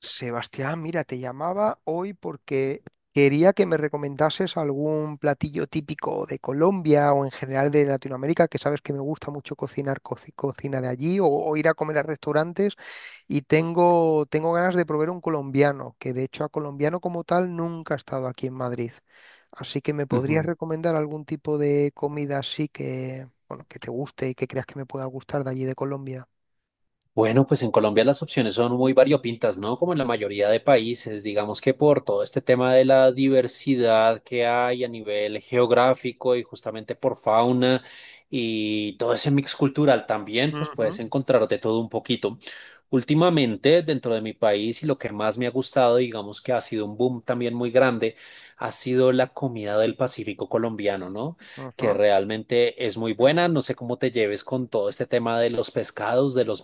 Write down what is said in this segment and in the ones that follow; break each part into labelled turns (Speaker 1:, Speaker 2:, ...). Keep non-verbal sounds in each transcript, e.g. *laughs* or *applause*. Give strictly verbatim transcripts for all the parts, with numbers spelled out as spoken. Speaker 1: Sebastián, mira, te llamaba hoy porque quería que me recomendases algún platillo típico de Colombia o en general de Latinoamérica, que sabes que me gusta mucho cocinar co- cocina de allí o, o ir a comer a restaurantes y tengo, tengo ganas de probar un colombiano, que de hecho a colombiano como tal nunca ha estado aquí en Madrid. Así que me podrías
Speaker 2: Ujú.
Speaker 1: recomendar algún tipo de comida así que, bueno, que te guste y que creas que me pueda gustar de allí de Colombia.
Speaker 2: Bueno, pues en Colombia las opciones son muy variopintas, ¿no? Como en la mayoría de países, digamos que por todo este tema de la diversidad que hay a nivel geográfico y justamente por fauna y todo ese mix cultural también, pues
Speaker 1: Ujú,
Speaker 2: puedes encontrar de todo un poquito. Últimamente, dentro de mi país y lo que más me ha gustado, digamos que ha sido un boom también muy grande, ha sido la comida del Pacífico colombiano, ¿no? Que
Speaker 1: ujú,
Speaker 2: realmente es muy buena. No sé cómo te lleves con todo este tema de los pescados, de los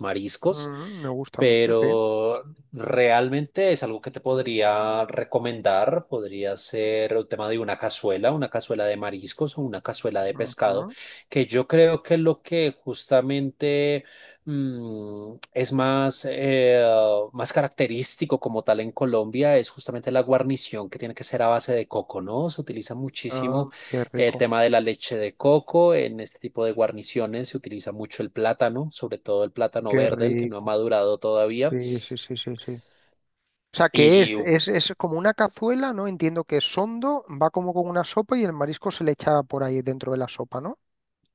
Speaker 1: ujú,
Speaker 2: mariscos,
Speaker 1: me gusta mucho, sí.
Speaker 2: pero realmente es algo que te podría recomendar. Podría ser el tema de una cazuela, una cazuela de mariscos o una cazuela de pescado,
Speaker 1: Ujú.
Speaker 2: que yo creo que es lo que justamente mm, es más, eh, más característico como tal en Colombia, es justamente la guarnición que tiene que ser a base de coco, ¿no? Se utiliza
Speaker 1: Ah,
Speaker 2: muchísimo
Speaker 1: qué
Speaker 2: el
Speaker 1: rico,
Speaker 2: tema de la leche de coco, en este tipo de guarniciones se utiliza mucho el plátano, sobre todo el plátano
Speaker 1: qué
Speaker 2: verde, el que no ha
Speaker 1: rico.
Speaker 2: madurado todavía.
Speaker 1: Sí, sí, sí, sí, sí. O sea, que es,
Speaker 2: Y
Speaker 1: es, es como una cazuela, ¿no? Entiendo que es hondo, va como con una sopa y el marisco se le echa por ahí dentro de la sopa, ¿no?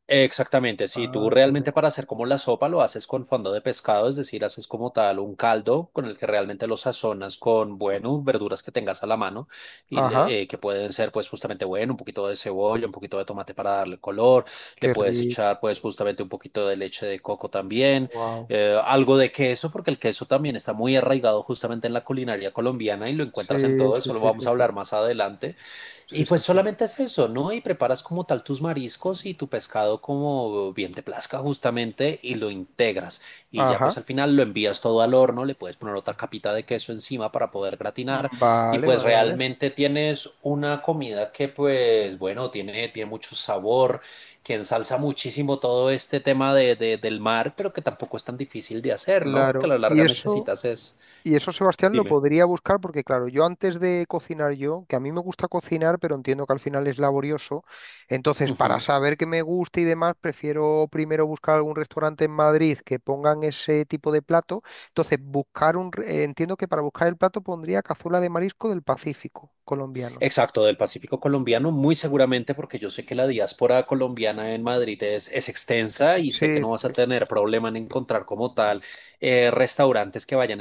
Speaker 2: Exactamente, sí,
Speaker 1: Ah,
Speaker 2: tú
Speaker 1: qué
Speaker 2: realmente
Speaker 1: rico.
Speaker 2: para hacer como la sopa lo haces con fondo de pescado, es decir, haces como tal un caldo con el que realmente lo sazonas con, bueno, verduras que tengas a la mano y
Speaker 1: Ajá,
Speaker 2: le- eh, que pueden ser pues justamente, bueno, un poquito de cebolla, un poquito de tomate para darle color, le
Speaker 1: qué
Speaker 2: puedes
Speaker 1: rico.
Speaker 2: echar pues justamente un poquito de leche de coco también,
Speaker 1: Wow.
Speaker 2: eh, algo de queso, porque el queso también está muy arraigado justamente en la culinaria colombiana y lo
Speaker 1: Sí,
Speaker 2: encuentras en todo,
Speaker 1: sí,
Speaker 2: eso lo
Speaker 1: sí, sí,
Speaker 2: vamos a
Speaker 1: sí.
Speaker 2: hablar más adelante.
Speaker 1: Sí,
Speaker 2: Y
Speaker 1: sí,
Speaker 2: pues
Speaker 1: sí.
Speaker 2: solamente es eso, ¿no? Y preparas como tal tus mariscos y tu pescado como bien te plazca justamente y lo integras. Y ya
Speaker 1: Ajá.
Speaker 2: pues al final lo envías todo al horno, le puedes poner otra capita de queso encima para poder gratinar.
Speaker 1: Mm,
Speaker 2: Y
Speaker 1: vale,
Speaker 2: pues
Speaker 1: vale, vale.
Speaker 2: realmente tienes una comida que pues bueno, tiene, tiene mucho sabor, que ensalza muchísimo todo este tema de, de- del mar, pero que tampoco es tan difícil de hacer, ¿no? Porque a
Speaker 1: Claro.
Speaker 2: la
Speaker 1: Y
Speaker 2: larga
Speaker 1: eso.
Speaker 2: necesitas es...
Speaker 1: Y eso Sebastián lo
Speaker 2: Dime.
Speaker 1: podría buscar porque, claro, yo antes de cocinar yo, que a mí me gusta cocinar, pero entiendo que al final es laborioso, entonces para saber qué me gusta y demás, prefiero primero buscar algún restaurante en Madrid que pongan ese tipo de plato. Entonces, buscar un, re- eh, entiendo que para buscar el plato pondría cazuela de marisco del Pacífico colombiano.
Speaker 2: Exacto, del Pacífico colombiano, muy seguramente porque yo sé que la diáspora colombiana en Madrid es, es extensa y
Speaker 1: Sí,
Speaker 2: sé que no vas a tener problema en encontrar como tal eh, restaurantes que vayan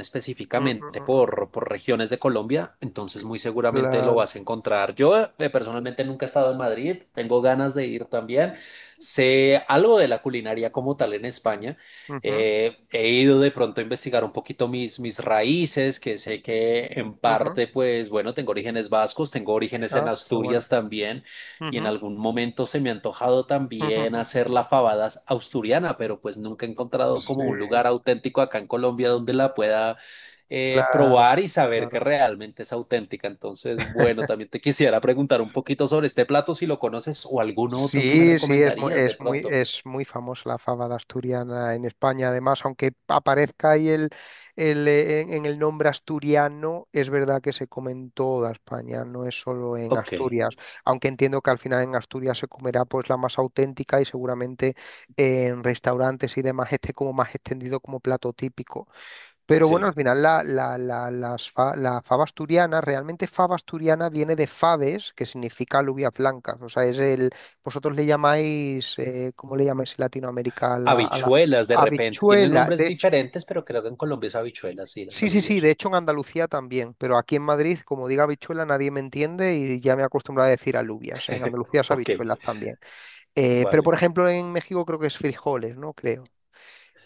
Speaker 1: mm, mm,
Speaker 2: específicamente
Speaker 1: mm, mm,
Speaker 2: por, por regiones de Colombia, entonces muy seguramente lo
Speaker 1: claro.
Speaker 2: vas a encontrar. Yo eh, personalmente nunca he estado en Madrid, tengo ganas de ir también, sé algo de la culinaria como tal en España.
Speaker 1: Ujú,
Speaker 2: Eh, he ido de pronto a investigar un poquito mis, mis raíces, que sé que en
Speaker 1: ujú.
Speaker 2: parte, pues bueno, tengo orígenes vascos, tengo orígenes en
Speaker 1: Ah, qué bueno.
Speaker 2: Asturias también, y en
Speaker 1: Ujú,
Speaker 2: algún momento se me ha antojado
Speaker 1: ujú,
Speaker 2: también
Speaker 1: ujú.
Speaker 2: hacer la fabada asturiana, pero pues nunca he encontrado
Speaker 1: Sí,
Speaker 2: como un lugar auténtico acá en Colombia donde la pueda eh,
Speaker 1: claro,
Speaker 2: probar y saber que
Speaker 1: claro.
Speaker 2: realmente es auténtica. Entonces, bueno, también te quisiera preguntar un poquito sobre este plato, si lo conoces o alguno otro que me
Speaker 1: Sí, sí, es muy,
Speaker 2: recomendarías de
Speaker 1: es muy,
Speaker 2: pronto.
Speaker 1: es muy famosa la fábada asturiana en España. Además, aunque aparezca ahí el, el, eh, en, en el nombre asturiano, es verdad que se come en toda España, no es solo en
Speaker 2: Ok,
Speaker 1: Asturias. Aunque entiendo que al final en Asturias se comerá pues la más auténtica y seguramente en restaurantes y demás esté como más extendido como plato típico. Pero bueno, al
Speaker 2: sí.
Speaker 1: final la, la, la, las fa- la fava asturiana, realmente fava asturiana viene de faves, que significa alubias blancas. O sea, es el, vosotros le llamáis, eh, ¿cómo le llamáis en Latinoamérica? A la, a la
Speaker 2: Habichuelas de repente. Tienen
Speaker 1: habichuela.
Speaker 2: nombres
Speaker 1: De hecho,
Speaker 2: diferentes, pero creo que en Colombia es habichuelas, sí, las
Speaker 1: sí, sí, sí, de
Speaker 2: alubias.
Speaker 1: hecho en
Speaker 2: *laughs*
Speaker 1: Andalucía también, pero aquí en Madrid, como diga habichuela, nadie me entiende y ya me he acostumbrado a decir alubias. En Andalucía es
Speaker 2: Ok,
Speaker 1: habichuelas también. Eh, pero
Speaker 2: vale.
Speaker 1: por ejemplo en México creo que es frijoles, ¿no? Creo.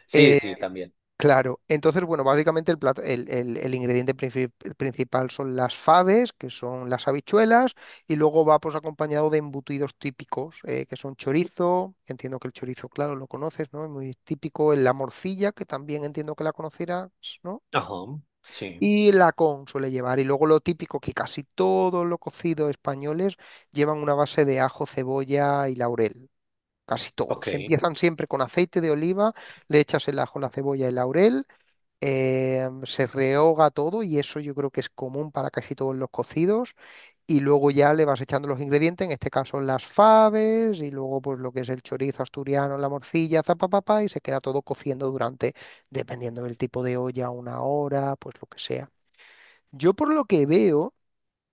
Speaker 2: Sí,
Speaker 1: Eh,
Speaker 2: sí, también.
Speaker 1: Claro, entonces, bueno, básicamente el, plato- el, el- el ingrediente princip- principal son las faves, que son las habichuelas, y luego va pues acompañado de embutidos típicos, eh, que son chorizo, que entiendo que el chorizo, claro, lo conoces, ¿no? Es muy típico, eh, la morcilla, que también entiendo que la conocerás, ¿no?
Speaker 2: Ajá, sí.
Speaker 1: Y la con suele llevar, y luego lo típico, que casi todos los cocidos españoles llevan una base de ajo, cebolla y laurel. Casi
Speaker 2: Ok.
Speaker 1: todos. Empiezan siempre con aceite de oliva, le echas el ajo, la cebolla y el laurel, eh, se rehoga todo y eso yo creo que es común para casi todos los cocidos y luego ya le vas echando los ingredientes, en este caso las faves y luego pues lo que es el chorizo asturiano, la morcilla, zapapapá y se queda todo cociendo durante, dependiendo del tipo de olla, una hora, pues lo que sea. Yo por lo que veo.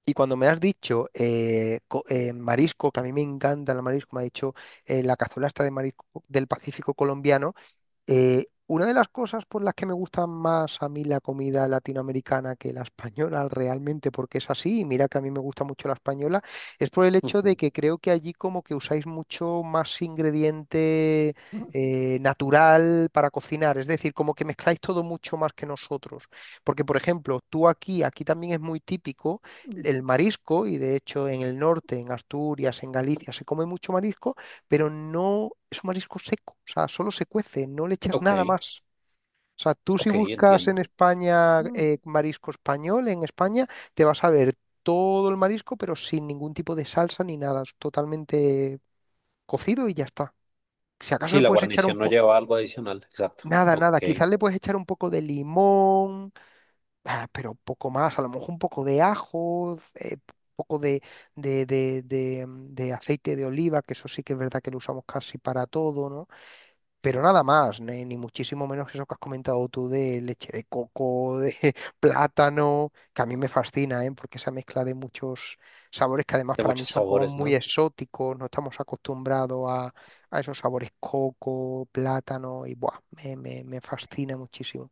Speaker 1: Y cuando me has dicho eh, co- eh, marisco, que a mí me encanta el marisco, me ha dicho eh, la cazuela esta de marisco del Pacífico colombiano, eh, una de las cosas por las que me gusta más a mí la comida latinoamericana que la española *laughs* realmente, porque es así, y mira que a mí me gusta mucho la española, es por el hecho de
Speaker 2: Ujú,
Speaker 1: que creo que allí como que usáis mucho más ingrediente eh, natural para cocinar, es decir, como que mezcláis todo mucho más que nosotros. Porque, por ejemplo, tú aquí, aquí también es muy típico el marisco, y de hecho en el norte, en Asturias, en Galicia, se come mucho marisco, pero no es un marisco seco, o sea, solo se cuece, no le echas
Speaker 2: ok,
Speaker 1: nada más. O sea, tú si
Speaker 2: ok,
Speaker 1: buscas
Speaker 2: entiendo.
Speaker 1: en España,
Speaker 2: Mm.
Speaker 1: eh, marisco español, en España te vas a ver todo el marisco, pero sin ningún tipo de salsa ni nada, es totalmente cocido y ya está. Si acaso
Speaker 2: Sí,
Speaker 1: le
Speaker 2: la
Speaker 1: puedes echar un
Speaker 2: guarnición no
Speaker 1: poco,
Speaker 2: lleva algo adicional, exacto.
Speaker 1: nada,
Speaker 2: Ok.
Speaker 1: nada, quizás
Speaker 2: De
Speaker 1: le puedes echar un poco de limón, ah, pero poco más, a lo mejor un poco de ajo, eh, un poco de, de, de, de, mm, de aceite de oliva, que eso sí que es verdad que lo usamos casi para todo, ¿no? Pero nada más, ni, ni muchísimo menos eso que has comentado tú de leche de coco, de *laughs* plátano, que a mí me fascina, ¿eh? Porque esa mezcla de muchos sabores que además para mí
Speaker 2: muchos
Speaker 1: son como
Speaker 2: sabores,
Speaker 1: muy
Speaker 2: ¿no?
Speaker 1: exóticos, no estamos acostumbrados a, a esos sabores coco, plátano, y buah, me, me, me fascina muchísimo.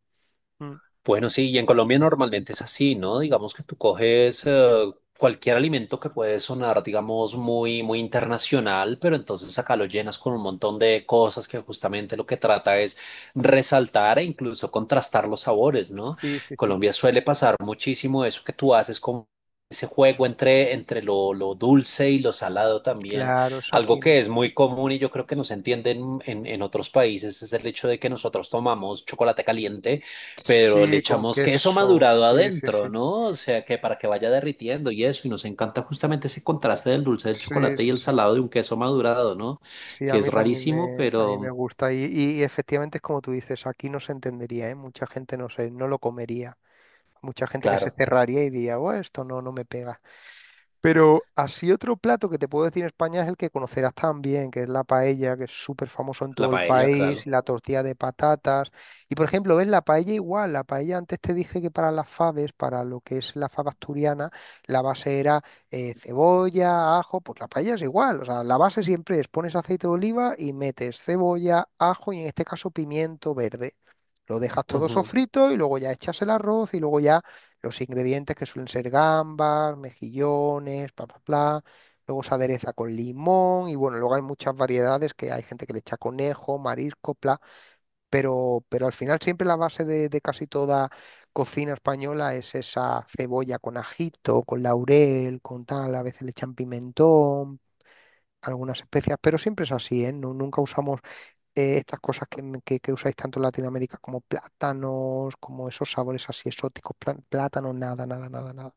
Speaker 1: Mm,
Speaker 2: Bueno, sí, y en Colombia normalmente es así, ¿no? Digamos que tú coges eh, cualquier alimento que puede sonar, digamos, muy, muy internacional, pero entonces acá lo llenas con un montón de cosas que justamente lo que trata es resaltar e incluso contrastar los sabores, ¿no?
Speaker 1: sí, sí, sí.
Speaker 2: Colombia suele pasar muchísimo eso que tú haces con ese juego entre, entre lo, lo dulce y lo salado también.
Speaker 1: Claro, eso
Speaker 2: Algo
Speaker 1: aquí
Speaker 2: que
Speaker 1: no.
Speaker 2: es muy común y yo creo que no se entiende en, en en otros países es el hecho de que nosotros tomamos chocolate caliente pero le
Speaker 1: Sí, con
Speaker 2: echamos queso
Speaker 1: queso,
Speaker 2: madurado
Speaker 1: sí, sí, sí.
Speaker 2: adentro, ¿no? O sea, que para que vaya derritiendo y eso, y nos encanta justamente ese contraste del dulce del
Speaker 1: Sí,
Speaker 2: chocolate y
Speaker 1: sí,
Speaker 2: el
Speaker 1: sí.
Speaker 2: salado de un queso madurado, ¿no?
Speaker 1: Sí, a
Speaker 2: Que es
Speaker 1: mí también
Speaker 2: rarísimo,
Speaker 1: me, a mí me
Speaker 2: pero
Speaker 1: gusta. Y, y- y efectivamente es como tú dices, aquí no se entendería, ¿eh? Mucha gente no sé, no lo comería. Mucha gente que se
Speaker 2: claro,
Speaker 1: cerraría y diría, bueno, esto no, no me pega. Pero así otro plato que te puedo decir en España es el que conocerás también, que es la paella, que es súper famoso en
Speaker 2: la
Speaker 1: todo el
Speaker 2: paella,
Speaker 1: país, y
Speaker 2: claro.
Speaker 1: la tortilla de patatas. Y por ejemplo, ves la paella igual, la paella antes te dije que para las faves, para lo que es la fava asturiana, la base era eh, cebolla, ajo, pues la paella es igual, o sea, la base siempre es pones aceite de oliva y metes cebolla, ajo y en este caso pimiento verde. Lo dejas todo
Speaker 2: Ujú.
Speaker 1: sofrito y luego ya echas el arroz y luego ya los ingredientes, que suelen ser gambas, mejillones, bla, bla, bla. Luego se adereza con limón y bueno, luego hay muchas variedades que hay gente que le echa conejo, marisco, bla, pero, pero al final siempre la base de, de casi toda cocina española es esa cebolla con ajito, con laurel, con tal, a veces le echan pimentón, algunas especias, pero siempre es así, ¿eh? Nu- nunca usamos, eh, estas cosas que, me- que- que usáis tanto en Latinoamérica como plátanos, como esos sabores así exóticos, plá- plátanos, nada, nada, nada, nada.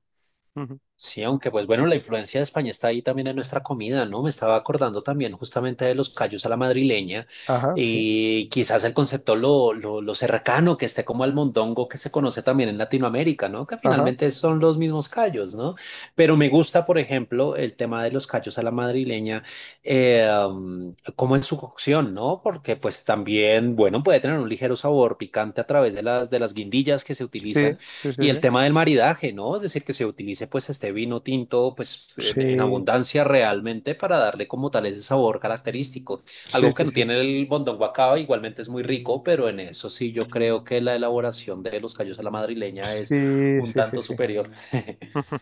Speaker 1: Ujú.
Speaker 2: Sí, aunque pues bueno, la influencia de España está ahí también en nuestra comida, ¿no? Me estaba acordando también justamente de los callos a la madrileña
Speaker 1: Ajá, sí,
Speaker 2: y quizás el concepto lo, lo, lo cercano que esté como al mondongo que se conoce también en Latinoamérica, ¿no? Que
Speaker 1: ajá,
Speaker 2: finalmente son los mismos callos, ¿no? Pero me gusta, por ejemplo, el tema de los callos a la madrileña, eh, um, como en su cocción, ¿no? Porque pues también, bueno, puede tener un ligero sabor picante a través de las, de las guindillas que se utilizan
Speaker 1: sí, sí,
Speaker 2: y el
Speaker 1: sí,
Speaker 2: tema del maridaje, ¿no? Es decir, que se utilice pues este vino tinto pues en, en
Speaker 1: sí,
Speaker 2: abundancia realmente para darle como tal ese sabor característico.
Speaker 1: sí,
Speaker 2: Algo que
Speaker 1: sí,
Speaker 2: no
Speaker 1: sí,
Speaker 2: tiene el bondón guacaba, igualmente es muy rico, pero en eso sí yo creo que la elaboración de los callos a la madrileña es
Speaker 1: sí,
Speaker 2: un
Speaker 1: sí, sí,
Speaker 2: tanto
Speaker 1: sí.
Speaker 2: superior. *laughs*
Speaker 1: Ujú.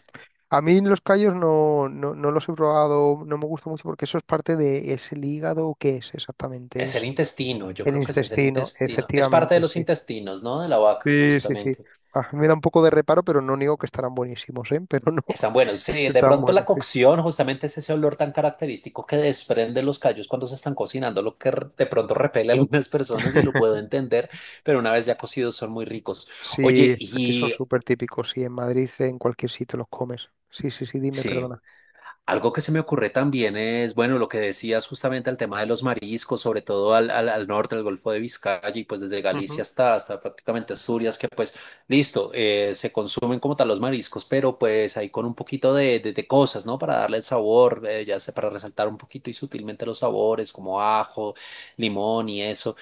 Speaker 1: A mí los callos no, no, no los he probado, no me gusta mucho porque eso es parte de, ¿es el hígado o qué es exactamente?
Speaker 2: Es el
Speaker 1: Es
Speaker 2: intestino, yo
Speaker 1: el
Speaker 2: creo que ese es el
Speaker 1: intestino,
Speaker 2: intestino. Es parte de
Speaker 1: efectivamente,
Speaker 2: los
Speaker 1: sí.
Speaker 2: intestinos, ¿no? De la vaca,
Speaker 1: Sí, sí, sí.
Speaker 2: justamente.
Speaker 1: Ah, me da un poco de reparo, pero no niego que estarán buenísimos, ¿eh? Pero no
Speaker 2: Están buenos.
Speaker 1: *laughs*
Speaker 2: Sí, de
Speaker 1: están
Speaker 2: pronto la
Speaker 1: buenos, sí.
Speaker 2: cocción, justamente es ese olor tan característico que desprenden los callos cuando se están cocinando, lo que r- de pronto repele a algunas personas y lo puedo
Speaker 1: *laughs*
Speaker 2: entender, pero una vez ya cocidos son muy ricos.
Speaker 1: Sí,
Speaker 2: Oye,
Speaker 1: aquí son
Speaker 2: y
Speaker 1: súper típicos, sí, en Madrid, en cualquier sitio los comes. Sí, sí, sí, dime,
Speaker 2: sí.
Speaker 1: perdona.
Speaker 2: Algo que se me ocurre también es, bueno, lo que decías justamente al tema de los mariscos, sobre todo al, al, al norte, al Golfo de Vizcaya y pues desde Galicia
Speaker 1: Ujú,
Speaker 2: hasta, hasta prácticamente Asturias, que pues listo, eh, se consumen como tal los mariscos, pero pues ahí con un poquito de, de- de cosas, ¿no? Para darle el sabor, eh, ya sé, para resaltar un poquito y sutilmente los sabores, como ajo, limón y eso.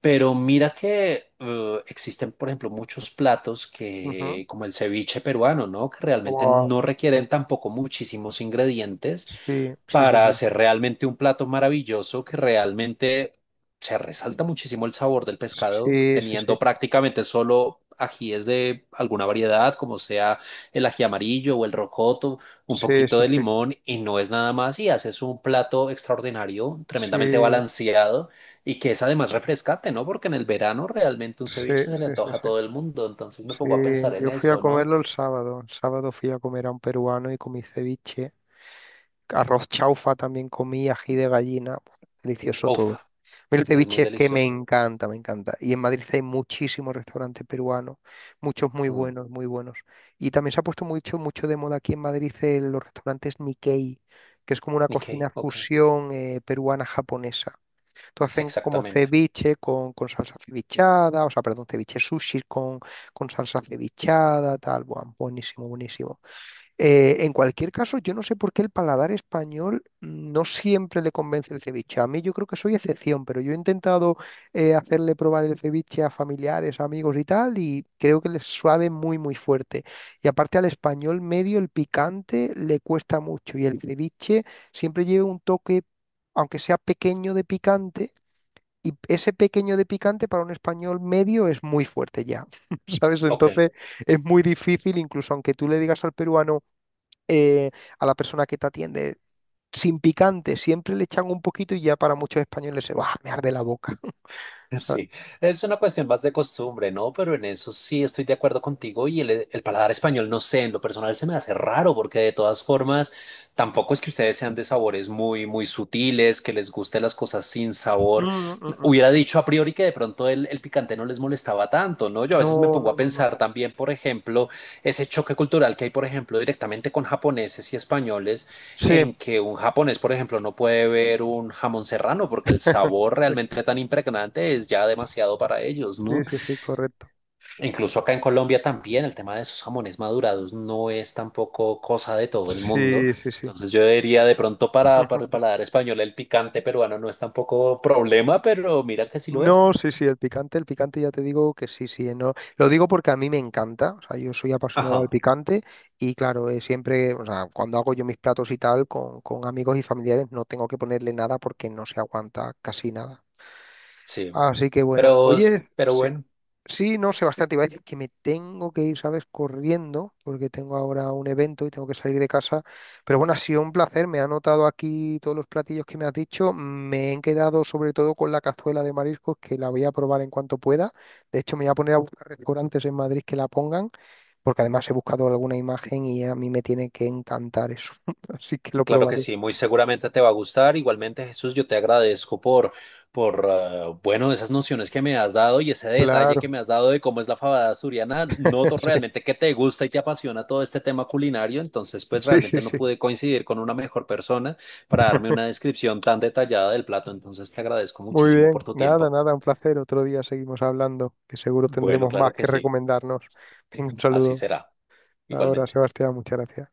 Speaker 2: Pero mira que eh, existen, por ejemplo, muchos platos
Speaker 1: ujú.
Speaker 2: que, como el ceviche peruano, ¿no? Que realmente
Speaker 1: Buah,
Speaker 2: no requieren tampoco muchísimos ingredientes
Speaker 1: sí, sí, sí,
Speaker 2: para
Speaker 1: sí.
Speaker 2: hacer realmente un plato maravilloso que realmente se resalta muchísimo el sabor del pescado,
Speaker 1: Sí, sí,
Speaker 2: teniendo
Speaker 1: sí.
Speaker 2: prácticamente solo ajíes de alguna variedad, como sea el ají amarillo o el rocoto, un
Speaker 1: Sí,
Speaker 2: poquito
Speaker 1: sí,
Speaker 2: de
Speaker 1: sí.
Speaker 2: limón y no es nada más y haces un plato extraordinario, tremendamente
Speaker 1: Sí,
Speaker 2: balanceado y que es además refrescante, ¿no? Porque en el verano realmente un
Speaker 1: sí,
Speaker 2: ceviche se le
Speaker 1: sí, sí,
Speaker 2: antoja a
Speaker 1: sí.
Speaker 2: todo el mundo, entonces me
Speaker 1: Sí,
Speaker 2: pongo a pensar en
Speaker 1: yo fui a
Speaker 2: eso, ¿no?
Speaker 1: comerlo el sábado. El sábado fui a comer a un peruano y comí ceviche. Arroz chaufa también comí, ají de gallina. Buah, delicioso
Speaker 2: Uf,
Speaker 1: todo. A mí El
Speaker 2: es muy
Speaker 1: ceviche es que me
Speaker 2: delicioso.
Speaker 1: encanta, me encanta. Y en Madrid hay muchísimos restaurantes peruanos, muchos muy
Speaker 2: Mm,
Speaker 1: buenos, muy buenos. Y también se ha puesto mucho, mucho de moda aquí en Madrid, eh, los restaurantes Nikkei, que es como una cocina
Speaker 2: ok, ok,
Speaker 1: fusión eh, peruana-japonesa. Tú hacen como
Speaker 2: exactamente.
Speaker 1: ceviche con, con salsa cevichada, o sea, perdón, ceviche sushi con, con salsa cevichada, tal, buah, buenísimo, buenísimo. Eh, en cualquier caso, yo no sé por qué el paladar español no siempre le convence el ceviche. A mí yo creo que soy excepción, pero yo he intentado, eh, hacerle probar el ceviche a familiares, amigos y tal, y creo que les suave muy, muy fuerte. Y aparte al español medio el picante le cuesta mucho y el ceviche siempre lleva un toque, aunque sea pequeño de picante, y ese pequeño de picante para un español medio es muy fuerte ya, *laughs* ¿sabes?
Speaker 2: Ok,
Speaker 1: Entonces es muy difícil, incluso aunque tú le digas al peruano, eh, a la persona que te atiende, sin picante, siempre le echan un poquito y ya para muchos españoles se va, me arde la boca, *laughs*
Speaker 2: *laughs*
Speaker 1: ¿sabes?
Speaker 2: sí, es una cuestión más de costumbre, ¿no? Pero en eso sí estoy de acuerdo contigo y el, el paladar español, no sé, en lo personal se me hace raro porque de todas formas tampoco es que ustedes sean de sabores muy, muy sutiles, que les gusten las cosas sin
Speaker 1: Mm,
Speaker 2: sabor.
Speaker 1: mm, mm.
Speaker 2: Hubiera dicho a priori que de pronto el, el, picante no les molestaba tanto, ¿no? Yo a veces me
Speaker 1: No,
Speaker 2: pongo
Speaker 1: no,
Speaker 2: a
Speaker 1: no, no,
Speaker 2: pensar
Speaker 1: no.
Speaker 2: también, por ejemplo, ese choque cultural que hay, por ejemplo, directamente con japoneses y españoles,
Speaker 1: Sí,
Speaker 2: en que un japonés, por ejemplo, no puede ver un jamón serrano porque el
Speaker 1: *laughs*
Speaker 2: sabor realmente tan impregnante es ya demasiado para ellos,
Speaker 1: sí,
Speaker 2: ¿no?
Speaker 1: sí, sí, correcto.
Speaker 2: Incluso acá en Colombia también el tema de esos jamones madurados no es tampoco cosa de todo el mundo.
Speaker 1: Sí, sí, sí.
Speaker 2: Entonces yo diría de pronto para, para el
Speaker 1: *laughs*
Speaker 2: paladar español el picante peruano no es tampoco problema, pero mira que sí lo es.
Speaker 1: No, sí, sí, el picante, el picante ya te digo que sí, sí, no. Lo digo porque a mí me encanta, o sea, yo soy apasionado al
Speaker 2: Ajá,
Speaker 1: picante y claro, eh, siempre, o sea, cuando hago yo mis platos y tal con, con amigos y familiares no tengo que ponerle nada porque no se aguanta casi nada.
Speaker 2: sí.
Speaker 1: Así que bueno,
Speaker 2: Pero,
Speaker 1: oye,
Speaker 2: pero
Speaker 1: se-
Speaker 2: bueno,
Speaker 1: Sí, no, Sebastián, te iba a decir *laughs* que me tengo que ir, ¿sabes? Corriendo, porque tengo ahora un evento y tengo que salir de casa. Pero bueno, ha sido un placer. Me ha anotado aquí todos los platillos que me has dicho. Me he quedado sobre todo con la cazuela de mariscos, que la voy a probar en cuanto pueda. De hecho, me voy a poner a buscar restaurantes en Madrid que la pongan, porque además he buscado alguna imagen y a mí me tiene que encantar eso. *laughs* Así que lo
Speaker 2: claro que
Speaker 1: probaré.
Speaker 2: sí, muy seguramente te va a gustar. Igualmente, Jesús, yo te agradezco por, por ah, bueno, esas nociones que me has dado y ese detalle que
Speaker 1: Claro.
Speaker 2: me has dado de cómo es la fabada asturiana. Noto
Speaker 1: *laughs*
Speaker 2: realmente que te gusta y te apasiona todo este tema culinario. Entonces, pues
Speaker 1: Sí, sí,
Speaker 2: realmente no
Speaker 1: sí.
Speaker 2: pude coincidir con una mejor persona para darme una descripción tan detallada del plato. Entonces, te agradezco
Speaker 1: Muy
Speaker 2: muchísimo por
Speaker 1: bien,
Speaker 2: tu
Speaker 1: nada,
Speaker 2: tiempo.
Speaker 1: nada, un placer. Otro día seguimos hablando, que seguro
Speaker 2: Bueno,
Speaker 1: tendremos
Speaker 2: claro
Speaker 1: más
Speaker 2: que
Speaker 1: que
Speaker 2: sí,
Speaker 1: recomendarnos. *laughs* Venga, un
Speaker 2: así
Speaker 1: saludo.
Speaker 2: será,
Speaker 1: Ahora,
Speaker 2: igualmente.
Speaker 1: Sebastián, muchas gracias.